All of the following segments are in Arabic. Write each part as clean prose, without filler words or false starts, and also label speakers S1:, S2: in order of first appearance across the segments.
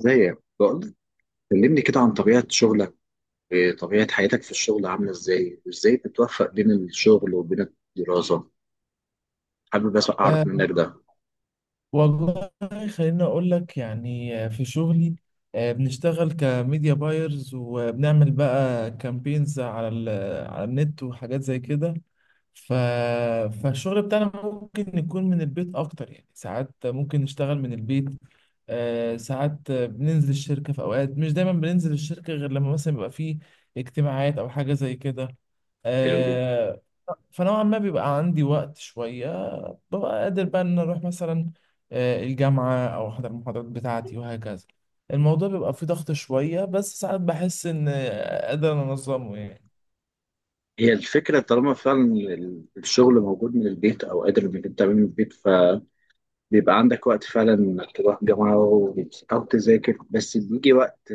S1: ازاي بقول؟ كلمني كده عن طبيعة شغلك، طبيعة حياتك في الشغل عاملة ازاي، وازاي بتوفق بين الشغل وبين الدراسة. حابب بس اعرف
S2: أه.
S1: منك ده.
S2: والله، خليني أقول لك، يعني في شغلي. بنشتغل كميديا بايرز، وبنعمل بقى كامبينز على النت وحاجات زي كده. ف... فالشغل بتاعنا ممكن يكون من البيت أكتر، يعني ساعات ممكن نشتغل من البيت. ساعات بننزل الشركة في أوقات، مش دايما بننزل الشركة غير لما مثلا يبقى فيه اجتماعات أو حاجة زي كده.
S1: حلو جدا.
S2: أه. فنوعا ما بيبقى عندي وقت شوية، ببقى قادر بقى ان اروح مثلا الجامعة او احضر المحاضرات بتاعتي وهكذا. الموضوع بيبقى فيه ضغط شوية، بس ساعات بحس ان قادر انظمه يعني.
S1: هي الفكرة طالما فعلا الشغل موجود من البيت او قادر انك انت تعمله من البيت، فبيبقى عندك وقت فعلا انك تروح جامعة او تذاكر. بس بيجي وقت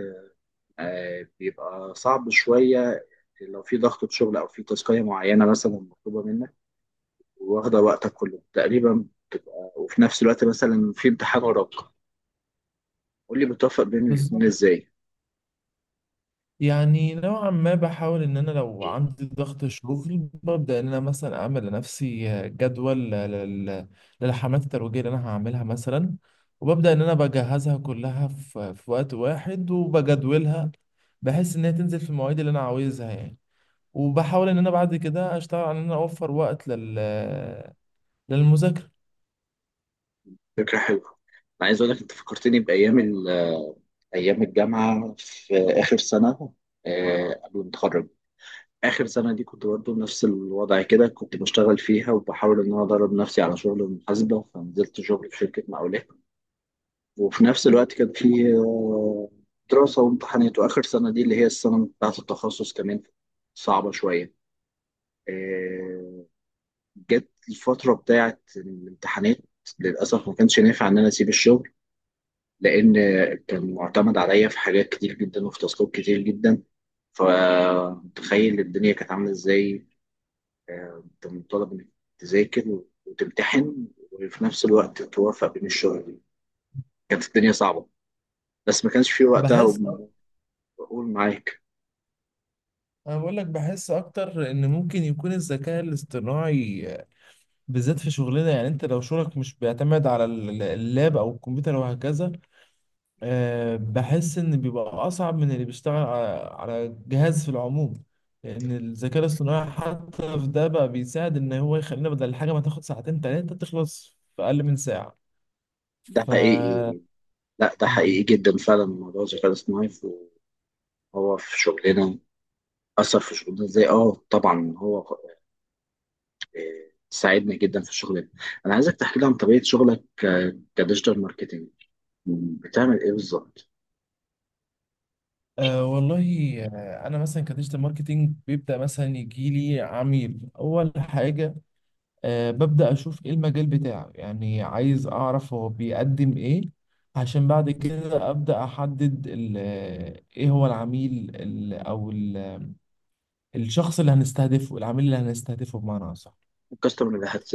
S1: بيبقى صعب شوية لو في ضغط شغل او في تاسكية معينة مثلا مطلوبة منك، واخدة وقتك كله تقريبا بتبقى، وفي نفس الوقت مثلا في امتحان وراك. قول لي بتوفق بين الاتنين
S2: بالظبط.
S1: ازاي؟
S2: يعني نوعا ما بحاول ان انا لو عندي ضغط شغل، ببدأ ان انا مثلا اعمل لنفسي جدول للحملات الترويجية اللي انا هعملها مثلا. وببدأ ان انا بجهزها كلها في وقت واحد وبجدولها، بحيث ان هي تنزل في المواعيد اللي انا عاوزها يعني. وبحاول ان انا بعد كده اشتغل على ان انا اوفر وقت للمذاكره.
S1: فكرة حلوة. انا عايز اقول لك انت فكرتني بايام ايام الجامعة في اخر سنة، قبل ما اتخرج. اخر سنة دي كنت برضه نفس الوضع كده، كنت بشتغل فيها وبحاول ان انا ادرب نفسي على شغل المحاسبة، فنزلت شغل في شركة مقاولات وفي نفس الوقت كان في دراسة وامتحانات، واخر سنة دي اللي هي السنة بتاعة التخصص كمان صعبة شوية. آه، جت الفترة بتاعت الامتحانات، للأسف ما كانش نافع إن أنا أسيب الشغل، لأن كان معتمد عليا في حاجات كتير جدا وفي تاسكات كتير جدا. فتخيل الدنيا كانت عاملة إزاي. أنت مطالب إنك تذاكر وتمتحن وفي نفس الوقت توافق بين الشغل. كانت الدنيا صعبة، بس ما كانش في وقتها
S2: بحس
S1: بقول معاك.
S2: انا بقول لك بحس اكتر ان ممكن يكون الذكاء الاصطناعي بالذات في شغلنا، يعني انت لو شغلك مش بيعتمد اللاب او الكمبيوتر وهكذا، بحس ان بيبقى اصعب من اللي بيشتغل على جهاز في العموم. لان الذكاء الاصطناعي حتى في ده بقى بيساعد، ان هو يخلينا بدل الحاجه ما تاخد ساعتين تلاتة، تخلص في اقل من ساعه.
S1: ده
S2: ف
S1: حقيقي. لا، ده حقيقي
S2: مم.
S1: جدا. فعلا موضوع الذكاء الاصطناعي هو في شغلنا أثر في شغلنا إزاي؟ آه، طبعا هو ساعدني جدا في الشغل ده. انا عايزك تحكي لي عن طبيعه شغلك كديجيتال ماركتنج، بتعمل ايه بالظبط؟
S2: والله، انا مثلا كديجيتال ماركتينج بيبدا، مثلا يجي لي عميل، اول حاجه ببدا اشوف ايه المجال بتاعه، يعني عايز اعرف هو بيقدم ايه، عشان بعد كده ابدا احدد ايه هو العميل الشخص اللي هنستهدفه، العميل اللي هنستهدفه بمعنى اصح.
S1: الكاستمر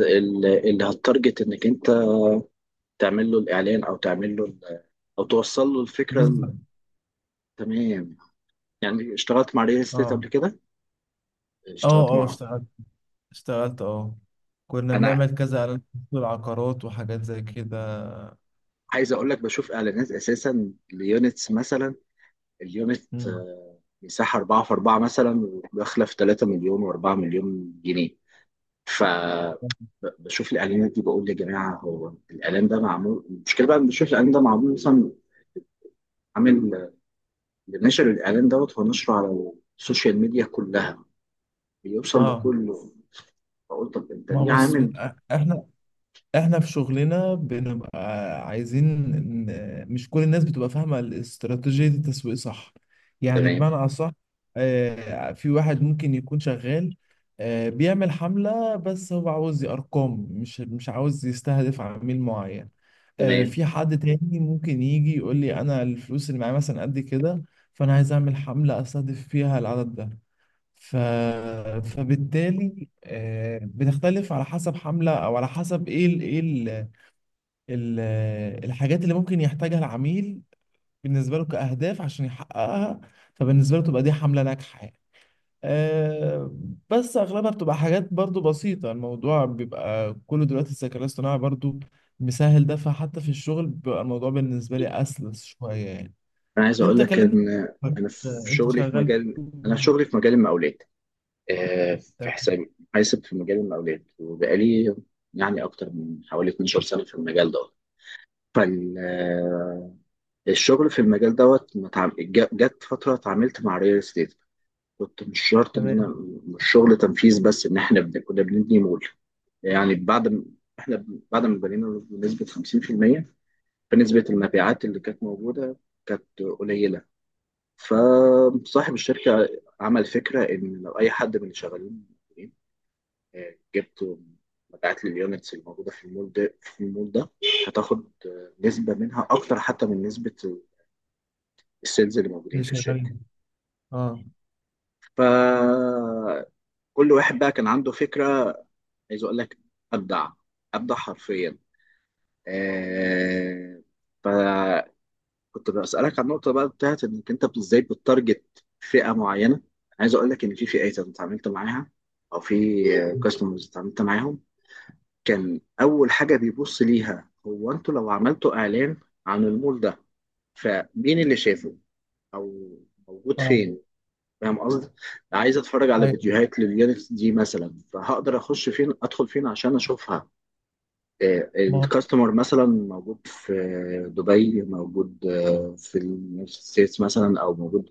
S1: اللي هتارجت انك انت تعمل له الاعلان او تعمل له او توصل له الفكره.
S2: بالظبط.
S1: تمام. يعني اشتغلت مع ريل استيت
S2: اه.
S1: قبل كده، اشتغلت
S2: اه. اه.
S1: مع،
S2: اشتغلت، اه، كنا
S1: انا
S2: بنعمل كذا اعلان، في العقارات وحاجات زي كده.
S1: عايز اقول لك بشوف اعلانات اساسا ليونتس مثلا، اليونت
S2: مم.
S1: مساحه 4 في 4 مثلا، وداخله في 3 مليون و4 مليون جنيه. ف بشوف الاعلانات دي بقول يا جماعه هو الاعلان ده معمول، المشكله بقى إن بشوف الاعلان ده معمول مثلا عامل، اللي نشر الاعلان دوت هو نشره على السوشيال ميديا كلها، بيوصل
S2: اه.
S1: لكله. بقول طب انت
S2: ما
S1: ليه
S2: بص،
S1: عامل؟
S2: احنا احنا في شغلنا بنبقى عايزين، مش كل الناس بتبقى فاهمة الاستراتيجية التسويق صح، يعني
S1: تمام،
S2: بمعنى اصح. في واحد ممكن يكون شغال، بيعمل حملة، بس هو عاوز ارقام، مش عاوز يستهدف عميل معين.
S1: تمام.
S2: في حد تاني ممكن يجي يقول لي انا الفلوس اللي معايا مثلا قد كده، فانا عايز اعمل حملة استهدف فيها العدد ده. ف... فبالتالي بتختلف على حسب حملة أو على حسب ال... الحاجات اللي ممكن يحتاجها العميل بالنسبة له كأهداف عشان يحققها، فبالنسبة له تبقى دي حملة ناجحة يعني. آه، بس أغلبها بتبقى حاجات برضو بسيطة، الموضوع بيبقى كله دلوقتي الذكاء الاصطناعي برضو مسهل ده، فحتى في الشغل بيبقى الموضوع بالنسبة لي أسلس شوية يعني.
S1: انا عايز اقول
S2: أنت
S1: لك
S2: كلمني.
S1: ان
S2: آه،
S1: انا في
S2: أنت
S1: شغلي في
S2: شغال.
S1: مجال، انا في شغلي في مجال المقاولات، في
S2: تمام.
S1: حساب، حاسب في مجال المقاولات، وبقالي يعني اكتر من حوالي 12 سنه في المجال دوت. فال الشغل في المجال دوت ما اتعام- جا- جت فتره اتعاملت مع ريال استيت. كنت مش شرط ان انا
S2: تمام.
S1: مش شغل تنفيذ بس، ان احنا كنا بنبني مول. يعني بعد ما احنا بعد ما بنينا بنسبه 50%، فنسبه المبيعات اللي كانت موجوده كانت قليله. فصاحب الشركه عمل فكره ان لو اي حد من اللي شغالين جبت مبيعات لليونتس اللي موجوده في المول ده، هتاخد نسبه منها اكتر حتى من نسبه السيلز اللي موجودين
S2: اللي
S1: في الشركه.
S2: شغالين. اه.
S1: فكل واحد بقى كان عنده فكرة. عايز أقول لك، أبدع، أبدع حرفيا. آه، فكنت بسألك عن النقطة بقى بتاعت إنك أنت إزاي بتتارجت فئة معينة. عايز أقول لك إن في فئات أنا اتعاملت معاها، أو في كاستمرز اتعاملت معاهم، كان أول حاجة بيبص ليها هو أنتوا لو عملتوا إعلان عن المول ده، فمين اللي شافه؟ أو موجود
S2: اه.
S1: فين؟ فاهم قصدي؟ عايز اتفرج على
S2: ايوه.
S1: فيديوهات لليونتس دي مثلا، فهقدر اخش فين، ادخل فين عشان اشوفها؟
S2: ما
S1: الكاستمر مثلا موجود في دبي، موجود في اليونايتد ستيتس مثلا، او موجود،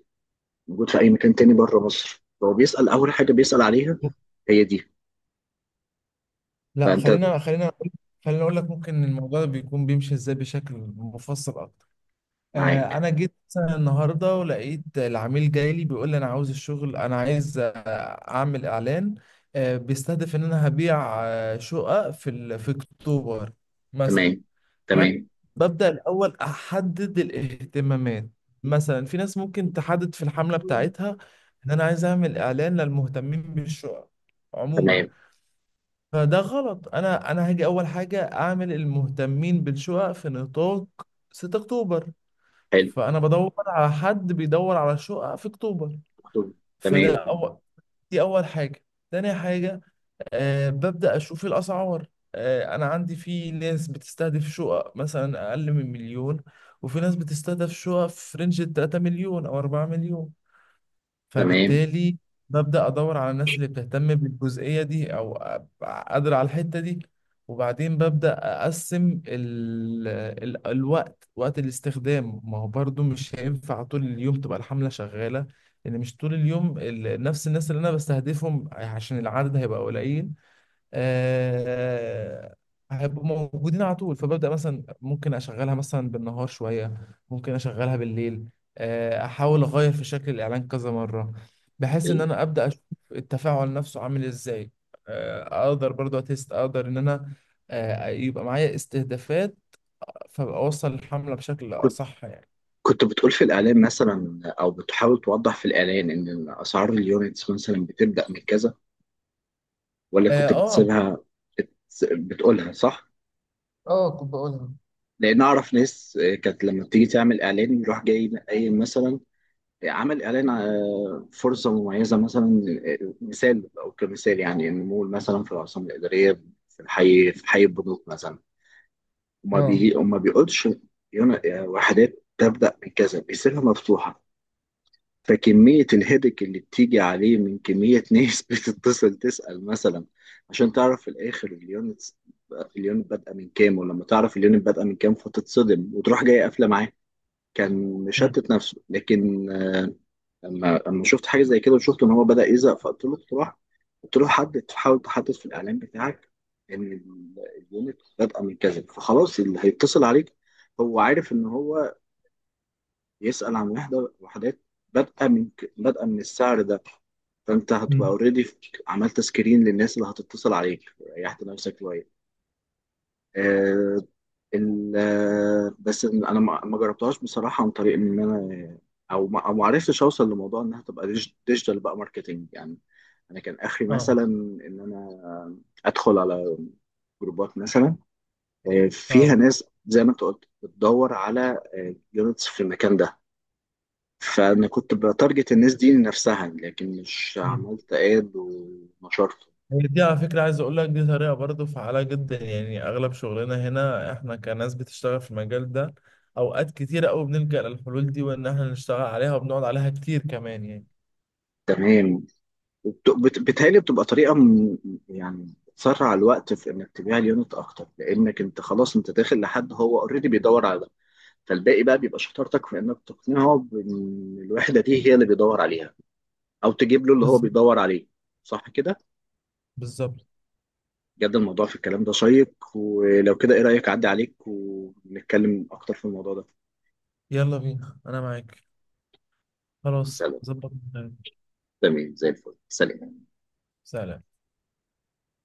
S1: موجود في اي مكان تاني بره مصر، هو بيسأل اول حاجة بيسأل عليها
S2: هو
S1: هي دي.
S2: لا،
S1: فانت
S2: خلينا خلينا اقول لك ممكن الموضوع ده بيكون بيمشي ازاي بشكل مفصل اكتر.
S1: معاك.
S2: انا جيت مثلا النهارده ولقيت العميل جاي لي بيقول لي انا عاوز الشغل، انا عايز اعمل اعلان بيستهدف ان انا هبيع شقق في اكتوبر مثلا.
S1: تمام،
S2: فانا
S1: تمام،
S2: ببدا الاول احدد الاهتمامات، مثلا في ناس ممكن تحدد في الحمله بتاعتها ان انا عايز اعمل اعلان للمهتمين بالشقق عموما،
S1: تمام.
S2: فده غلط. انا هاجي اول حاجه اعمل المهتمين بالشقق في نطاق 6 اكتوبر،
S1: حلو.
S2: فانا بدور على حد بيدور على شقق في اكتوبر.
S1: مكتوب. تمام،
S2: فده أول، دي اول حاجه. تاني حاجه ببدا اشوف الاسعار. انا عندي، في ناس بتستهدف شقق مثلا اقل من مليون، وفي ناس بتستهدف شقق في رينج ال 3 مليون او 4 مليون،
S1: تمام.
S2: فبالتالي ببدأ أدور على الناس اللي بتهتم بالجزئية دي أو أبقى قادرة على الحتة دي. وبعدين ببدأ أقسم الوقت، وقت الاستخدام، ما هو برضو مش هينفع طول اليوم تبقى الحملة شغالة. لأن مش طول اليوم نفس الناس اللي أنا بستهدفهم، عشان العدد هيبقى قليل، آه، هيبقوا موجودين على طول. فببدأ مثلا، ممكن أشغلها مثلا بالنهار شوية، ممكن أشغلها بالليل، أحاول أغير في شكل الإعلان كذا مرة، بحيث
S1: حلو.
S2: إن أنا أبدأ أشوف التفاعل نفسه عامل إزاي. أقدر برضو أتست، أقدر إن أنا يبقى معايا استهدافات، فأبقى أوصل الحملة بشكل أصح يعني.
S1: كنت بتقول في الإعلان مثلا أو بتحاول توضح في الإعلان إن أسعار اليونتس مثلا بتبدأ من كذا، ولا
S2: آه.
S1: كنت
S2: آه.
S1: بتسيبها بت- بتقولها؟ صح؟
S2: اه، كنت بقولها.
S1: لأن أعرف ناس كانت لما بتيجي تعمل إعلان يروح جاي قايل مثلا، عمل إعلان فرصة مميزة مثلا، مثال أو كمثال يعني، إن مول مثلا في العاصمة الإدارية في الحي، في حي البنوك مثلا، وما
S2: اه.
S1: بيجي وما بيقولش وحدات تبدأ من كذا، بيسيبها مفتوحة. فكمية الهيدك اللي بتيجي عليه من كمية ناس بتتصل تسأل مثلا عشان تعرف في الآخر اليونت، اليونت بادئة من كام. ولما تعرف اليونت بادئة من كام فتتصدم وتروح جاي قافلة معاه. كان
S2: مم.
S1: مشتت نفسه، لكن لما شفت حاجة زي كده وشفت إن هو بدأ يزهق، فقلت له تروح، قلت له حدد، حاول تحدد في الإعلان بتاعك إن اليونت بادئة من كذا، فخلاص اللي هيتصل عليك هو عارف إن هو يسأل عن وحدة، وحدات بادئة بادئة من السعر ده. فانت هتبقى
S2: مم.
S1: اوريدي عملت سكرين للناس اللي هتتصل عليك، ريحت نفسك شويه. آه، بس انا ما جربتهاش بصراحه، عن طريق ان انا، او ما عرفتش اوصل لموضوع انها تبقى ديجيتال بقى ماركتنج يعني. انا كان اخري
S2: اه.
S1: مثلا ان انا ادخل على جروبات مثلا فيها
S2: اه.
S1: ناس زي ما انت قلت بتدور على جيمتس في المكان ده، فانا كنت بتارجت الناس دي لنفسها، لكن مش
S2: مم.
S1: عملت اد ونشرته.
S2: هي دي على فكرة، عايز أقول لك دي طريقة برضه فعالة جدا، يعني أغلب شغلنا هنا، إحنا كناس بتشتغل في المجال ده أوقات كتيرة أوي بنلجأ للحلول دي، وإن إحنا نشتغل عليها وبنقعد عليها كتير كمان يعني.
S1: تمام. بتهيألي بتبقى طريقه يعني تسرع الوقت في انك تبيع اليونت اكتر، لانك انت خلاص انت داخل لحد هو اوريدي بيدور على ده. فالباقي بقى بيبقى شطارتك في انك تقنعه بان الوحده دي هي اللي بيدور عليها، او تجيب له اللي هو
S2: بالظبط.
S1: بيدور عليه. صح كده؟
S2: بالظبط.
S1: بجد الموضوع في الكلام ده شيق، ولو كده ايه رايك اعدي عليك ونتكلم اكتر في الموضوع ده؟
S2: يلا بينا، أنا معاك. خلاص،
S1: سلام.
S2: ظبط.
S1: تمام، زي الفل. سلام.
S2: سلام.